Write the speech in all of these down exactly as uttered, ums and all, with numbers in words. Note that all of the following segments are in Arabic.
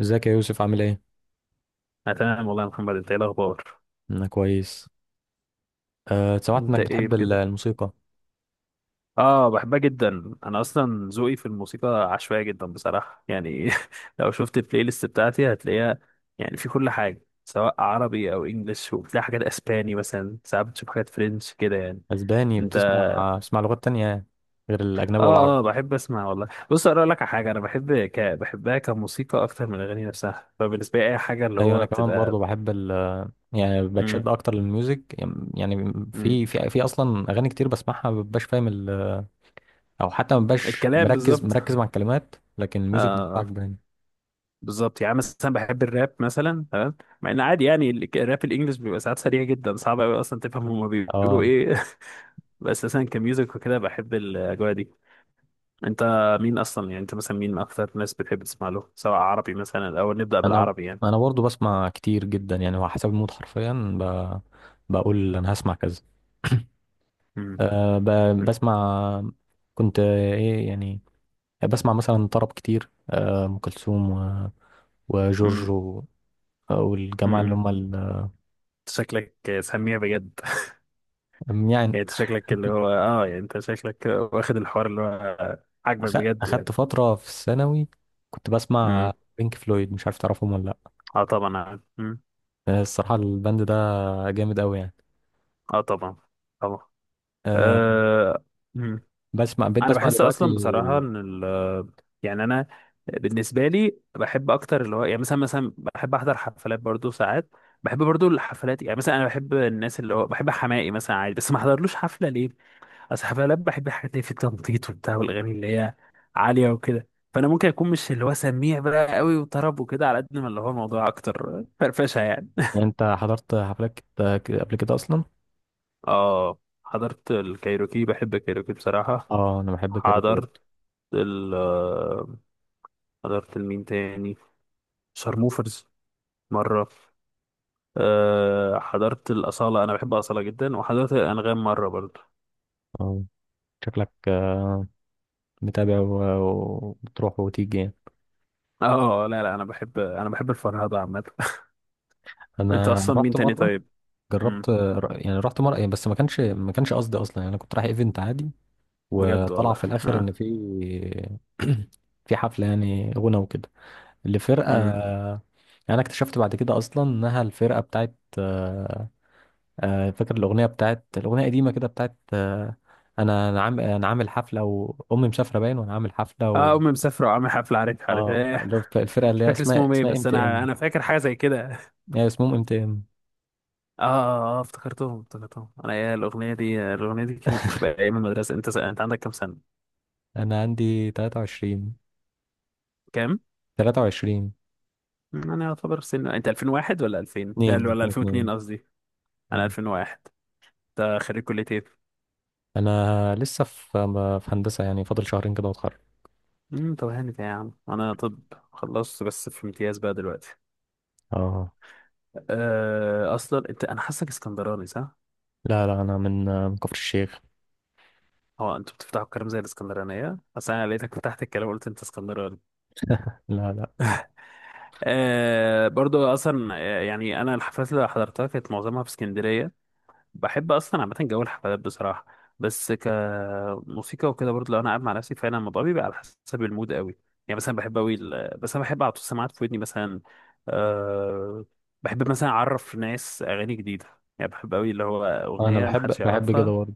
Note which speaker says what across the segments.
Speaker 1: ازيك يا يوسف، عامل ايه؟
Speaker 2: انا تمام والله يا محمد، انت ايه الاخبار؟
Speaker 1: انا كويس. أه سمعت
Speaker 2: انت
Speaker 1: انك
Speaker 2: ايه
Speaker 1: بتحب ال-
Speaker 2: كده؟
Speaker 1: الموسيقى.
Speaker 2: اه، بحبها جدا. انا اصلا ذوقي في الموسيقى عشوائي جدا بصراحه يعني لو شفت البلاي ليست بتاعتي هتلاقيها يعني في كل حاجه، سواء عربي او انجليش، وبتلاقي حاجات اسباني مثلا، ساعات بتشوف حاجات فرنش كده يعني.
Speaker 1: اسباني؟
Speaker 2: انت؟
Speaker 1: بتسمع بتسمع لغات تانية يعني غير الاجنبي والعربي؟
Speaker 2: اه، اه، بحب اسمع والله. بص اقول لك على حاجه، انا بحب ك... بحبها كموسيقى اكتر من الاغاني نفسها، فبالنسبه لي اي حاجه اللي
Speaker 1: ايوه انا
Speaker 2: هو
Speaker 1: كمان
Speaker 2: بتبقى.
Speaker 1: برضو بحب ال، يعني
Speaker 2: امم.
Speaker 1: بتشد اكتر للميوزك. يعني
Speaker 2: امم.
Speaker 1: في في في اصلا اغاني كتير بسمعها ما ببقاش فاهم ال، او حتى ما ببقاش
Speaker 2: الكلام
Speaker 1: مركز
Speaker 2: بالظبط.
Speaker 1: مركز مع الكلمات، لكن الميوزك بتاعك
Speaker 2: اه،
Speaker 1: باين.
Speaker 2: بالظبط، يعني مثلا بحب الراب مثلا، تمام. مع ان عادي، يعني ال- الراب الانجليش بيبقى ساعات سريع جدا، صعب قوي اصلا تفهم هما بيقولوا
Speaker 1: اه
Speaker 2: ايه. بس مثلا كميوزك وكده بحب الاجواء دي. انت؟ مين اصلا؟ يعني انت مثلا مين اكتر ناس بتحب تسمع له؟ سواء عربي مثلا، الاول نبدا
Speaker 1: انا
Speaker 2: بالعربي يعني.
Speaker 1: انا برضو بسمع كتير جدا يعني. هو حسب المود حرفيا، ب... بقول انا هسمع كذا.
Speaker 2: امم.
Speaker 1: أه ب- بسمع. كنت آه، ايه يعني، بسمع مثلا طرب كتير، آه، ام كلثوم و- وجورج
Speaker 2: امم.
Speaker 1: و- والجماعه اللي
Speaker 2: امم.
Speaker 1: هم ال،
Speaker 2: شكلك سميع بجد.
Speaker 1: يعني
Speaker 2: يعني انت شكلك اللي هو اه يعني انت شكلك واخد الحوار اللي هو عاجبك
Speaker 1: أخ-
Speaker 2: بجد يعني.
Speaker 1: اخدت فتره في الثانوي كنت
Speaker 2: امم.
Speaker 1: بسمع بينك فلويد، مش عارف تعرفهم ولا لا.
Speaker 2: اه، طبعا. امم.
Speaker 1: آه، الصراحه الباند ده جامد قوي يعني.
Speaker 2: اه، طبعا، طبعا.
Speaker 1: أه
Speaker 2: آه،
Speaker 1: بسمع، بقيت
Speaker 2: انا
Speaker 1: بسمع
Speaker 2: بحس
Speaker 1: دلوقتي.
Speaker 2: اصلا بصراحه ان ال يعني انا بالنسبه لي بحب اكتر اللي هو يعني مثلا، مثلا بحب احضر حفلات برضو ساعات. بحب برضو الحفلات، يعني مثلا انا بحب الناس اللي هو بحب حماقي مثلا عادي، بس ما احضرلوش حفله ليه. اصل حفلات بحب الحاجات اللي في التنطيط وبتاع، والاغاني اللي هي عاليه وكده. فانا ممكن اكون مش اللي هو سميع بقى قوي وطرب وكده، على قد ما اللي هو الموضوع اكتر فرفشه يعني.
Speaker 1: يعني انت حضرت حفلات كت- ك- قبل كده اصلا؟
Speaker 2: اه، حضرت الكايروكي، بحب الكايروكي بصراحه.
Speaker 1: اه انا بحب كايروكي
Speaker 2: حضرت
Speaker 1: برضه.
Speaker 2: ال حضرت المين تاني، شارموفرز، مرة. أه، حضرت الأصالة، أنا بحب أصالة جدا، وحضرت الأنغام مرة برضه.
Speaker 1: اه شكلك آه، متابع و- وبتروح وتيجي يعني.
Speaker 2: اه، لا، لا، أنا بحب أنا بحب الفرهدة عامة. أنت
Speaker 1: انا
Speaker 2: أصلا مين
Speaker 1: رحت
Speaker 2: تاني
Speaker 1: مره،
Speaker 2: طيب؟ مم.
Speaker 1: جربت. يعني رحت مرة يعني، بس ما كانش ما كانش قصدي اصلا. يعني انا كنت رايح ايفنت عادي
Speaker 2: بجد
Speaker 1: وطلع
Speaker 2: والله؟
Speaker 1: في الاخر ان
Speaker 2: اه.
Speaker 1: في، في حفلة يعني، غنى وكده لفرقة.
Speaker 2: مم.
Speaker 1: يعني انا اكتشفت بعد كده اصلا انها الفرقة بتاعت، آه، آه، فاكر الاغنية بتاعت، الاغنية قديمة كده بتاعت، آه، انا انا عامل انا عامل حفلة وامي مسافرة باين، وانا عامل حفلة و...
Speaker 2: اه، أمي مسافرة وعامل حفلة، عارف عارف
Speaker 1: اه
Speaker 2: إيه.
Speaker 1: اللي هو الفرقة
Speaker 2: مش
Speaker 1: اللي هي
Speaker 2: فاكر
Speaker 1: اسمها
Speaker 2: اسمهم إيه،
Speaker 1: اسمها ام
Speaker 2: بس
Speaker 1: تي
Speaker 2: أنا
Speaker 1: ام.
Speaker 2: أنا فاكر حاجة زي كده.
Speaker 1: هي اسمهم ام تي ام.
Speaker 2: اه، اه، آه، افتكرتهم، افتكرتهم أنا إيه الأغنية دي، الأغنية دي كانت بتبقى أيام المدرسة. أنت س... أنت عندك كام سنة؟
Speaker 1: انا عندي تلاتة وعشرين.
Speaker 2: كام؟
Speaker 1: ثلاثة وعشرين.
Speaker 2: أنا يعتبر سن، أنت ألفين وواحد ولا ألفين
Speaker 1: اتنين
Speaker 2: ولا
Speaker 1: اتنين.
Speaker 2: ألفين واتنين قصدي. أنا
Speaker 1: مم.
Speaker 2: ألفين وواحد. ده خريج كلية ايه؟
Speaker 1: انا لسه في، في هندسه يعني، فاضل شهرين كده واتخرج.
Speaker 2: امم طب هانت يا عم، انا طب خلصت بس في امتياز بقى دلوقتي.
Speaker 1: اه
Speaker 2: أه اصلا انت انا حاسك اسكندراني صح؟
Speaker 1: لا لا، انا من، من كفر الشيخ.
Speaker 2: هو انتوا بتفتحوا الكلام زي الاسكندرانية؟ اصل انا لقيتك فتحت الكلام وقلت انت اسكندراني.
Speaker 1: لا لا.
Speaker 2: أه، برضو اصلا آه، يعني انا الحفلات اللي حضرتها كانت معظمها في اسكندرية. بحب اصلا عامه جو الحفلات بصراحه. بس كموسيقى وكده برضه، لو انا قاعد مع نفسي فعلا الموضوع بيبقى على حسب المود قوي. يعني مثلا بحب قوي ال- بس انا بحب احط السماعات في ودني مثلا. أه. بحب مثلا اعرف ناس اغاني جديده. يعني بحب قوي اللي هو
Speaker 1: انا
Speaker 2: اغنيه محدش
Speaker 1: بحب، بحب كده
Speaker 2: يعرفها.
Speaker 1: برضه.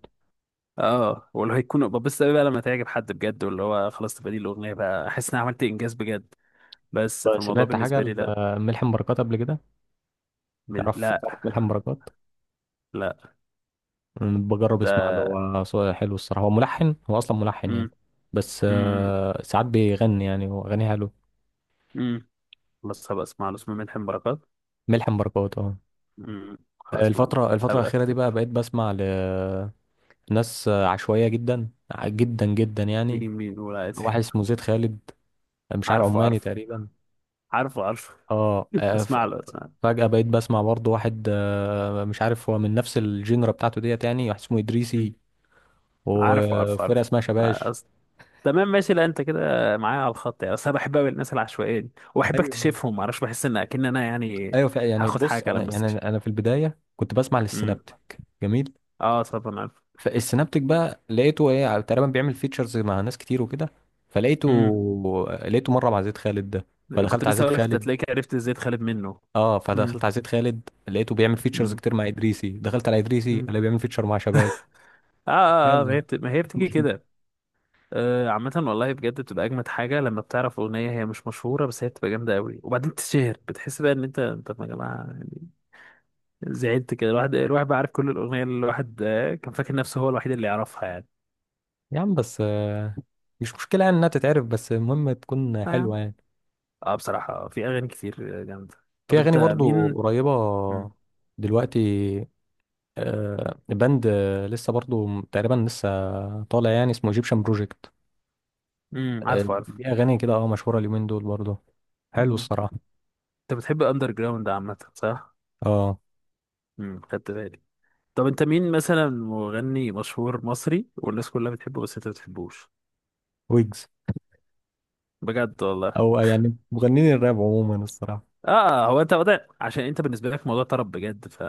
Speaker 2: اه، واللي هيكون ببص قوي بقى لما تعجب حد بجد، واللي هو خلاص تبقى دي الاغنيه بقى، احس ان انا عملت انجاز بجد. بس في الموضوع
Speaker 1: سمعت حاجه
Speaker 2: بالنسبه لي، لا.
Speaker 1: ل- ملحم بركات قبل كده؟
Speaker 2: بال-
Speaker 1: تعرف
Speaker 2: لا.
Speaker 1: تعرف ملحم بركات؟
Speaker 2: لا.
Speaker 1: أمم، بجرب اسمع له،
Speaker 2: ده.
Speaker 1: هو صوته حلو الصراحه. هو ملحن، هو اصلا ملحن يعني.
Speaker 2: امم.
Speaker 1: بس
Speaker 2: امم.
Speaker 1: آه، ساعات بيغني يعني واغانيه حلو.
Speaker 2: امم. خلاص، هبقى اسمع له، اسمه ملحم بركات.
Speaker 1: ملحم بركات، اه.
Speaker 2: مم. خلاص. ما.
Speaker 1: الفتره، الفتره
Speaker 2: هبقى
Speaker 1: الاخيره دي
Speaker 2: اكتب.
Speaker 1: بقى بقيت بسمع لناس عشوائيه جدا، جدا جدا يعني.
Speaker 2: مين مين نقول؟ عادي.
Speaker 1: واحد اسمه زيد خالد، مش عارف،
Speaker 2: عارفه،
Speaker 1: عماني
Speaker 2: عارفه،
Speaker 1: تقريبا.
Speaker 2: عارفه، عارفه.
Speaker 1: اه آه، ف-
Speaker 2: بسمع له بسمع له
Speaker 1: فجأة بقيت بسمع برضه واحد، آه، مش عارف هو من نفس الجينرا بتاعته ديت يعني، واحد اسمه إدريسي،
Speaker 2: مم. عارفه، عارفه،
Speaker 1: وفرقة
Speaker 2: عارفه.
Speaker 1: اسمها شباش.
Speaker 2: أصل. تمام، ماشي. لا انت كده معايا على الخط يعني، اصل انا بحب قوي الناس العشوائيه دي وبحب
Speaker 1: ايوه
Speaker 2: اكتشفهم، معرفش بحس ان اكن انا يعني.
Speaker 1: ايوه ف- يعني
Speaker 2: هاخد
Speaker 1: بص
Speaker 2: حاجه لما
Speaker 1: انا، يعني
Speaker 2: استكشف.
Speaker 1: انا أنا في البداية كنت بسمع
Speaker 2: امم.
Speaker 1: للسينابتك. جميل.
Speaker 2: اه، طبعا عارف.
Speaker 1: فالسينابتك بقى لقيته ايه، تقريبا بيعمل فيتشرز مع ناس كتير وكده. فلقيته،
Speaker 2: امم.
Speaker 1: لقيته مرة مع زيد خالد ده،
Speaker 2: كنت
Speaker 1: فدخلت على
Speaker 2: لسه
Speaker 1: زيد
Speaker 2: اقول لك، انت
Speaker 1: خالد.
Speaker 2: تلاقيك عرفت ازاي تخالف منه.
Speaker 1: اه
Speaker 2: امم.
Speaker 1: فدخلت على زيد خالد لقيته بيعمل فيتشرز
Speaker 2: امم.
Speaker 1: كتير مع ادريسي، دخلت على ادريسي
Speaker 2: آه,
Speaker 1: اللي بيعمل فيتشر مع شباب.
Speaker 2: اه، اه، ما
Speaker 1: يلا.
Speaker 2: هي بت... ما هي بتيجي كده. آه، عامة والله بجد بتبقى أجمد حاجة لما بتعرف أغنية هي مش مشهورة بس هي بتبقى جامدة أوي، وبعدين تتشهر، بتحس بقى إن أنت طب يا جماعة يعني. زعلت كده، الواحد الواحد بقى عارف كل الأغنية اللي الواحد آه، كان فاكر نفسه هو الوحيد اللي يعرفها يعني.
Speaker 1: يا عم بس آه، مش مشكلة يعني انها تتعرف، بس المهم تكون
Speaker 2: آه يا عم.
Speaker 1: حلوة يعني.
Speaker 2: آه، بصراحة في أغاني كتير آه، جامدة. طب
Speaker 1: في
Speaker 2: أنت
Speaker 1: اغاني برضو
Speaker 2: مين؟
Speaker 1: قريبة
Speaker 2: مم.
Speaker 1: دلوقتي، آه، باند آه، لسه برضو تقريبا لسه طالع يعني، اسمه ايجيبشن بروجكت.
Speaker 2: مم. عارفه، عارفه.
Speaker 1: دي اغاني كده اه مشهورة اليومين دول برضو، حلو
Speaker 2: مم.
Speaker 1: الصراحة.
Speaker 2: أنت بتحب أندر جراوند عامة صح؟
Speaker 1: اه
Speaker 2: مم. خدت بالي. طب أنت مين مثلا؟ مغني مشهور مصري والناس كلها بتحبه بس أنت ما بتحبوش.
Speaker 1: ويجز،
Speaker 2: بجد والله؟
Speaker 1: او يعني مغنيين الراب عموما الصراحة.
Speaker 2: اه. هو انت وضع، عشان انت بالنسبه لك موضوع طرب بجد، ف...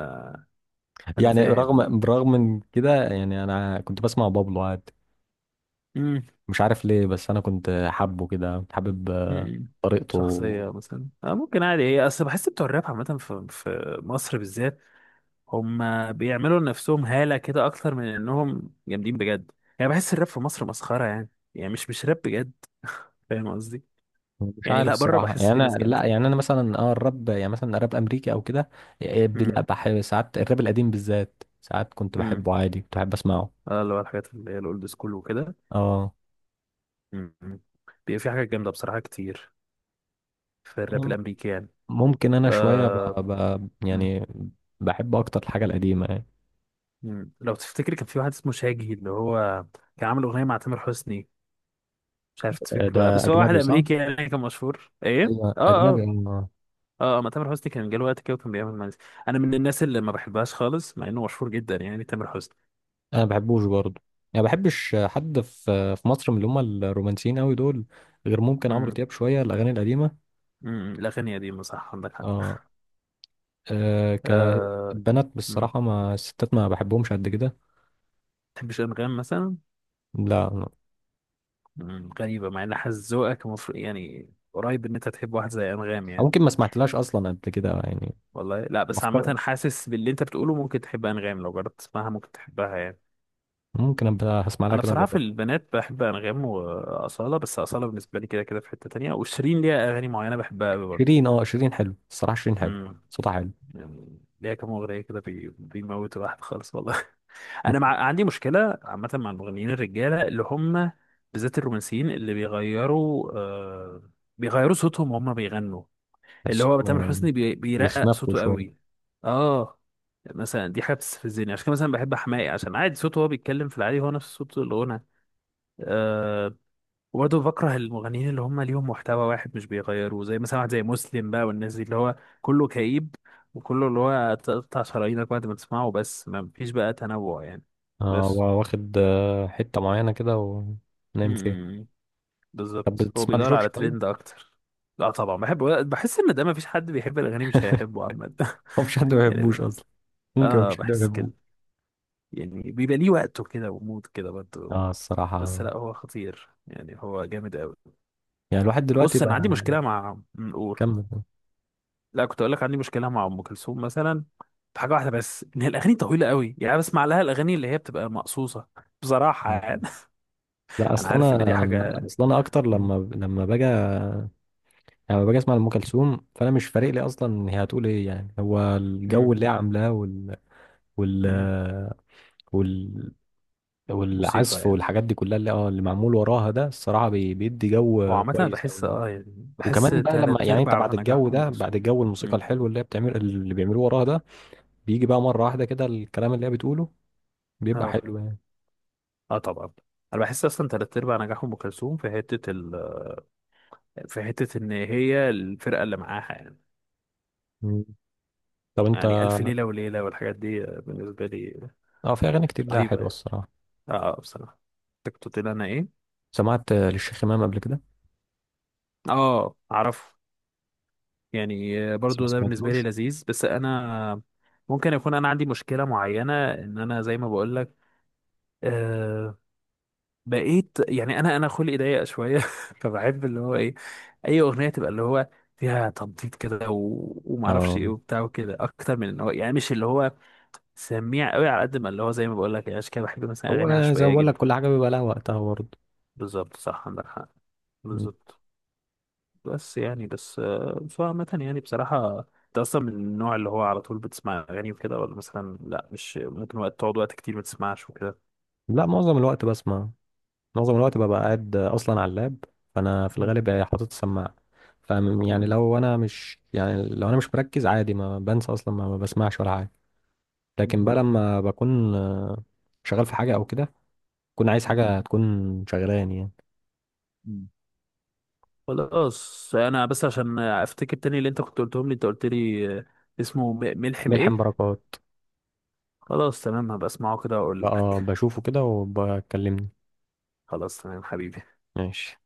Speaker 2: فانا
Speaker 1: يعني
Speaker 2: فاهم يعني.
Speaker 1: رغم، برغم من كده يعني، انا كنت بسمع بابلو عادي،
Speaker 2: امم.
Speaker 1: مش عارف ليه، بس انا كنت حابه كده، كنت حابب آه،
Speaker 2: امم.
Speaker 1: طريقته.
Speaker 2: شخصيه مثلا آه ممكن عادي، هي اصل بحس بتوع الراب عامه في... في مصر بالذات. هم بيعملوا لنفسهم هاله كده اكتر من انهم جامدين بجد. يعني بحس الراب في مصر مسخره يعني، يعني مش مش راب بجد، فاهم قصدي.
Speaker 1: مش
Speaker 2: يعني،
Speaker 1: عارف
Speaker 2: لا، بره
Speaker 1: صراحة
Speaker 2: بحس
Speaker 1: يعني.
Speaker 2: في
Speaker 1: أنا
Speaker 2: ناس
Speaker 1: لا،
Speaker 2: جامده.
Speaker 1: يعني أنا مثلا أه الراب يعني، مثلا الراب الأمريكي أو كده، إيه، ب- لا
Speaker 2: امم.
Speaker 1: بحب ساعات الراب القديم بالذات، ساعات كنت
Speaker 2: امم.
Speaker 1: بحبه عادي، كنت بحب أسمعه.
Speaker 2: اه، اللي هو الحاجات اللي هي الاولد سكول وكده.
Speaker 1: أه
Speaker 2: امم. بيبقى في حاجات جامده بصراحه كتير في الراب الامريكي يعني.
Speaker 1: ممكن أنا شوية ب...
Speaker 2: آه.
Speaker 1: ب... يعني بحب أكتر الحاجة القديمة يعني.
Speaker 2: مم. لو تفتكر كان في واحد اسمه شاجي، اللي هو كان عامل اغنيه مع تامر حسني. مش عارف
Speaker 1: آه،
Speaker 2: تفتكر ولا لا،
Speaker 1: ده
Speaker 2: بس هو واحد
Speaker 1: أجنبي صح؟
Speaker 2: امريكي، يعني كان مشهور ايه.
Speaker 1: أيوة
Speaker 2: اه،
Speaker 1: أجنبي.
Speaker 2: اه،
Speaker 1: أه
Speaker 2: اه، آه، ما تامر حسني كان جاله وقت كده وكان بيعمل مانجا. انا من الناس اللي ما بحبهاش خالص، مع انه مشهور جدا يعني، تامر حسني.
Speaker 1: أنا ما بحبوش برضه، يعني ما بحبش حد في، في مصر من اللي هم الرومانسيين أوي دول، غير ممكن عمرو
Speaker 2: امم.
Speaker 1: دياب شوية الأغاني القديمة.
Speaker 2: امم. الاغنيه دي صح، عندك حق.
Speaker 1: أه، أه
Speaker 2: آه.
Speaker 1: كبنات
Speaker 2: مم.
Speaker 1: بالصراحة، ما الستات ما بحبهمش قد كده.
Speaker 2: تحبش انغام مثلا؟
Speaker 1: لا لا.
Speaker 2: مم. غريبه، مع ان حاسس ذوقك المفروض يعني قريب ان انت تحب واحد زي انغام
Speaker 1: أو
Speaker 2: يعني.
Speaker 1: ممكن ما سمعتلهاش اصلا قبل كده يعني.
Speaker 2: والله لا، بس عامه
Speaker 1: افكار.
Speaker 2: حاسس باللي انت بتقوله، ممكن تحب انغام، لو جربت تسمعها ممكن تحبها يعني.
Speaker 1: ممكن ابقى هسمع لها
Speaker 2: انا
Speaker 1: كده
Speaker 2: بصراحه في
Speaker 1: اجرب.
Speaker 2: البنات بحب انغام واصاله، بس اصاله بالنسبه لي كده كده في حته تانية، وشيرين ليها اغاني معينه بحبها قوي برضه.
Speaker 1: شيرين، اه شيرين حلو الصراحه، شيرين حلو.
Speaker 2: امم.
Speaker 1: صوتها حلو.
Speaker 2: يعني ليها كام اغنيه كده بي- بيموتوا الواحد خالص والله. انا مع... عندي مشكله عامه مع المغنيين الرجاله اللي هم بالذات الرومانسيين اللي بيغيروا آه... بيغيروا صوتهم وهم بيغنوا. اللي هو
Speaker 1: تحسهم
Speaker 2: تامر
Speaker 1: آه،
Speaker 2: حسني بي... بيرقق
Speaker 1: بيخنفوا
Speaker 2: صوته
Speaker 1: شويه.
Speaker 2: قوي. اه. مثلا دي حاجه بتستفزني، عشان كده مثلا بحب حماقي عشان عادي صوته وهو بيتكلم في العادي هو نفس صوت الغنى. آه. وبرضه بكره المغنيين اللي هم ليهم محتوى واحد مش بيغيروه، زي مثلا واحد زي مسلم بقى، والناس دي اللي هو كله كئيب. وكله اللي هو تقطع شرايينك بعد ما تسمعه، بس ما فيش بقى تنوع يعني.
Speaker 1: اه
Speaker 2: بس.
Speaker 1: وا- واخد آه، حته معينه كده ونايم فيها.
Speaker 2: امم.
Speaker 1: طب
Speaker 2: بالظبط، هو
Speaker 1: بتسمع
Speaker 2: بيدور
Speaker 1: لجورج
Speaker 2: على
Speaker 1: طيب؟
Speaker 2: ترند اكتر. لا، طبعا بحب. بحس ان ده ما فيش حد بيحب الاغاني مش هيحبه عامه.
Speaker 1: هو مفيش حد ما بيحبوش
Speaker 2: يعني
Speaker 1: اصلا. ممكن
Speaker 2: اه،
Speaker 1: مفيش حد ما
Speaker 2: بحس
Speaker 1: بيحبوش.
Speaker 2: كده. يعني بيبقى ليه وقته كده، ومود كده برضه.
Speaker 1: اه
Speaker 2: بس
Speaker 1: الصراحه.
Speaker 2: لا، هو خطير يعني، هو جامد قوي.
Speaker 1: يعني الواحد دلوقتي
Speaker 2: بص انا
Speaker 1: بقى.
Speaker 2: عندي مشكله مع. قول.
Speaker 1: كمل.
Speaker 2: لا، كنت اقول لك عندي مشكله مع ام كلثوم مثلا. في حاجه واحده بس، ان هي الاغاني طويله قوي، يعني أنا بسمع لها الاغاني اللي هي بتبقى مقصوصه بصراحه
Speaker 1: آه،
Speaker 2: يعني.
Speaker 1: لا،
Speaker 2: انا
Speaker 1: اصل
Speaker 2: عارف ان دي
Speaker 1: انا
Speaker 2: حاجه.
Speaker 1: اصل انا اكتر
Speaker 2: مم.
Speaker 1: لما لما باجي يعني، لما باجي اسمع لام كلثوم فانا مش فارق لي اصلا هي هتقول ايه، يعني هو
Speaker 2: مم.
Speaker 1: الجو اللي هي عاملاه وال، وال،
Speaker 2: مم.
Speaker 1: وال،
Speaker 2: موسيقى
Speaker 1: والعزف
Speaker 2: يعني.
Speaker 1: والحاجات دي كلها اللي اه اللي معمول وراها ده الصراحه بي- بيدي
Speaker 2: هو
Speaker 1: جو
Speaker 2: عامه، أنا
Speaker 1: كويس
Speaker 2: بحس
Speaker 1: قوي.
Speaker 2: اه يعني، بحس
Speaker 1: وكمان بقى لما،
Speaker 2: تلات
Speaker 1: يعني انت
Speaker 2: ارباع
Speaker 1: بعد
Speaker 2: نجاح
Speaker 1: الجو
Speaker 2: ام
Speaker 1: ده، بعد
Speaker 2: كلثوم.
Speaker 1: الجو الموسيقى
Speaker 2: مم.
Speaker 1: الحلو اللي هي بتعمل اللي بيعملوه وراها ده، بيجي بقى مره واحده كده الكلام اللي هي بتقوله، بيبقى
Speaker 2: اه،
Speaker 1: حلو يعني.
Speaker 2: اه، طبعا. انا بحس اصلا تلات ارباع نجاح ام كلثوم في حته ال... في حته ان هي الفرقه اللي معاها يعني.
Speaker 1: مم. طب انت.
Speaker 2: يعني الف ليله وليله والحاجات دي بالنسبه لي
Speaker 1: اه، في اغاني كتير لها
Speaker 2: رهيبه
Speaker 1: حلوه
Speaker 2: يعني.
Speaker 1: الصراحه.
Speaker 2: اه. آه، بصراحه. أنت كنت بتقول انا ايه؟
Speaker 1: سمعت آه، للشيخ امام قبل كده؟
Speaker 2: اه، اعرفه. يعني آه،
Speaker 1: بس ما
Speaker 2: برضو ده بالنسبه لي
Speaker 1: سمعتلوش.
Speaker 2: لذيذ بس انا. ممكن يكون انا عندي مشكله معينه ان انا زي ما بقول لك. آه. بقيت يعني انا انا خلقي ضيق شويه. فبحب اللي هو ايه، اي اغنيه تبقى اللي هو فيها تنطيط كده و... وما اعرفش ايه
Speaker 1: اه
Speaker 2: وبتاع وكده، اكتر من ان هو يعني مش اللي هو سميع قوي، على قد ما اللي هو زي ما بقول لك، يعني عشان كده بحب مثلا اغاني
Speaker 1: هو زي ما
Speaker 2: عشوائيه
Speaker 1: بقول لك،
Speaker 2: جدا.
Speaker 1: كل حاجه بيبقى لها وقتها برضه.
Speaker 2: بالظبط، صح، عندك حق.
Speaker 1: مم.
Speaker 2: بالظبط. بس يعني بس آه، فعامة يعني بصراحة، انت اصلا من النوع اللي هو على طول بتسمع اغاني وكده، ولا مثلا لا مش ممكن، وقت تقعد وقت كتير ما تسمعش وكده؟
Speaker 1: لا معظم الوقت بسمع، معظم الوقت ببقى قاعد اصلا على اللاب، فانا في
Speaker 2: مم.
Speaker 1: الغالب يعني حاطط السماعه. ف، يعني
Speaker 2: مم.
Speaker 1: لو انا مش، يعني لو انا مش مركز عادي ما بنسى اصلا، ما ما بسمعش ولا حاجه. لكن
Speaker 2: مم.
Speaker 1: بقى لما بكون آه، شغال في حاجه او كده، بكون عايز حاجه تكون شغلاني يعني.
Speaker 2: مم. خلاص انا بس عشان افتكر تاني اللي انت كنت قلتهم لي انت قلت لي آه، اسمه م- ملحم
Speaker 1: ملحم
Speaker 2: ايه.
Speaker 1: بركات.
Speaker 2: خلاص، تمام، هبقى اسمعه كده واقول
Speaker 1: بقى
Speaker 2: لك.
Speaker 1: بشوفه كده وبكلمني.
Speaker 2: خلاص، تمام، حبيبي.
Speaker 1: ماشي.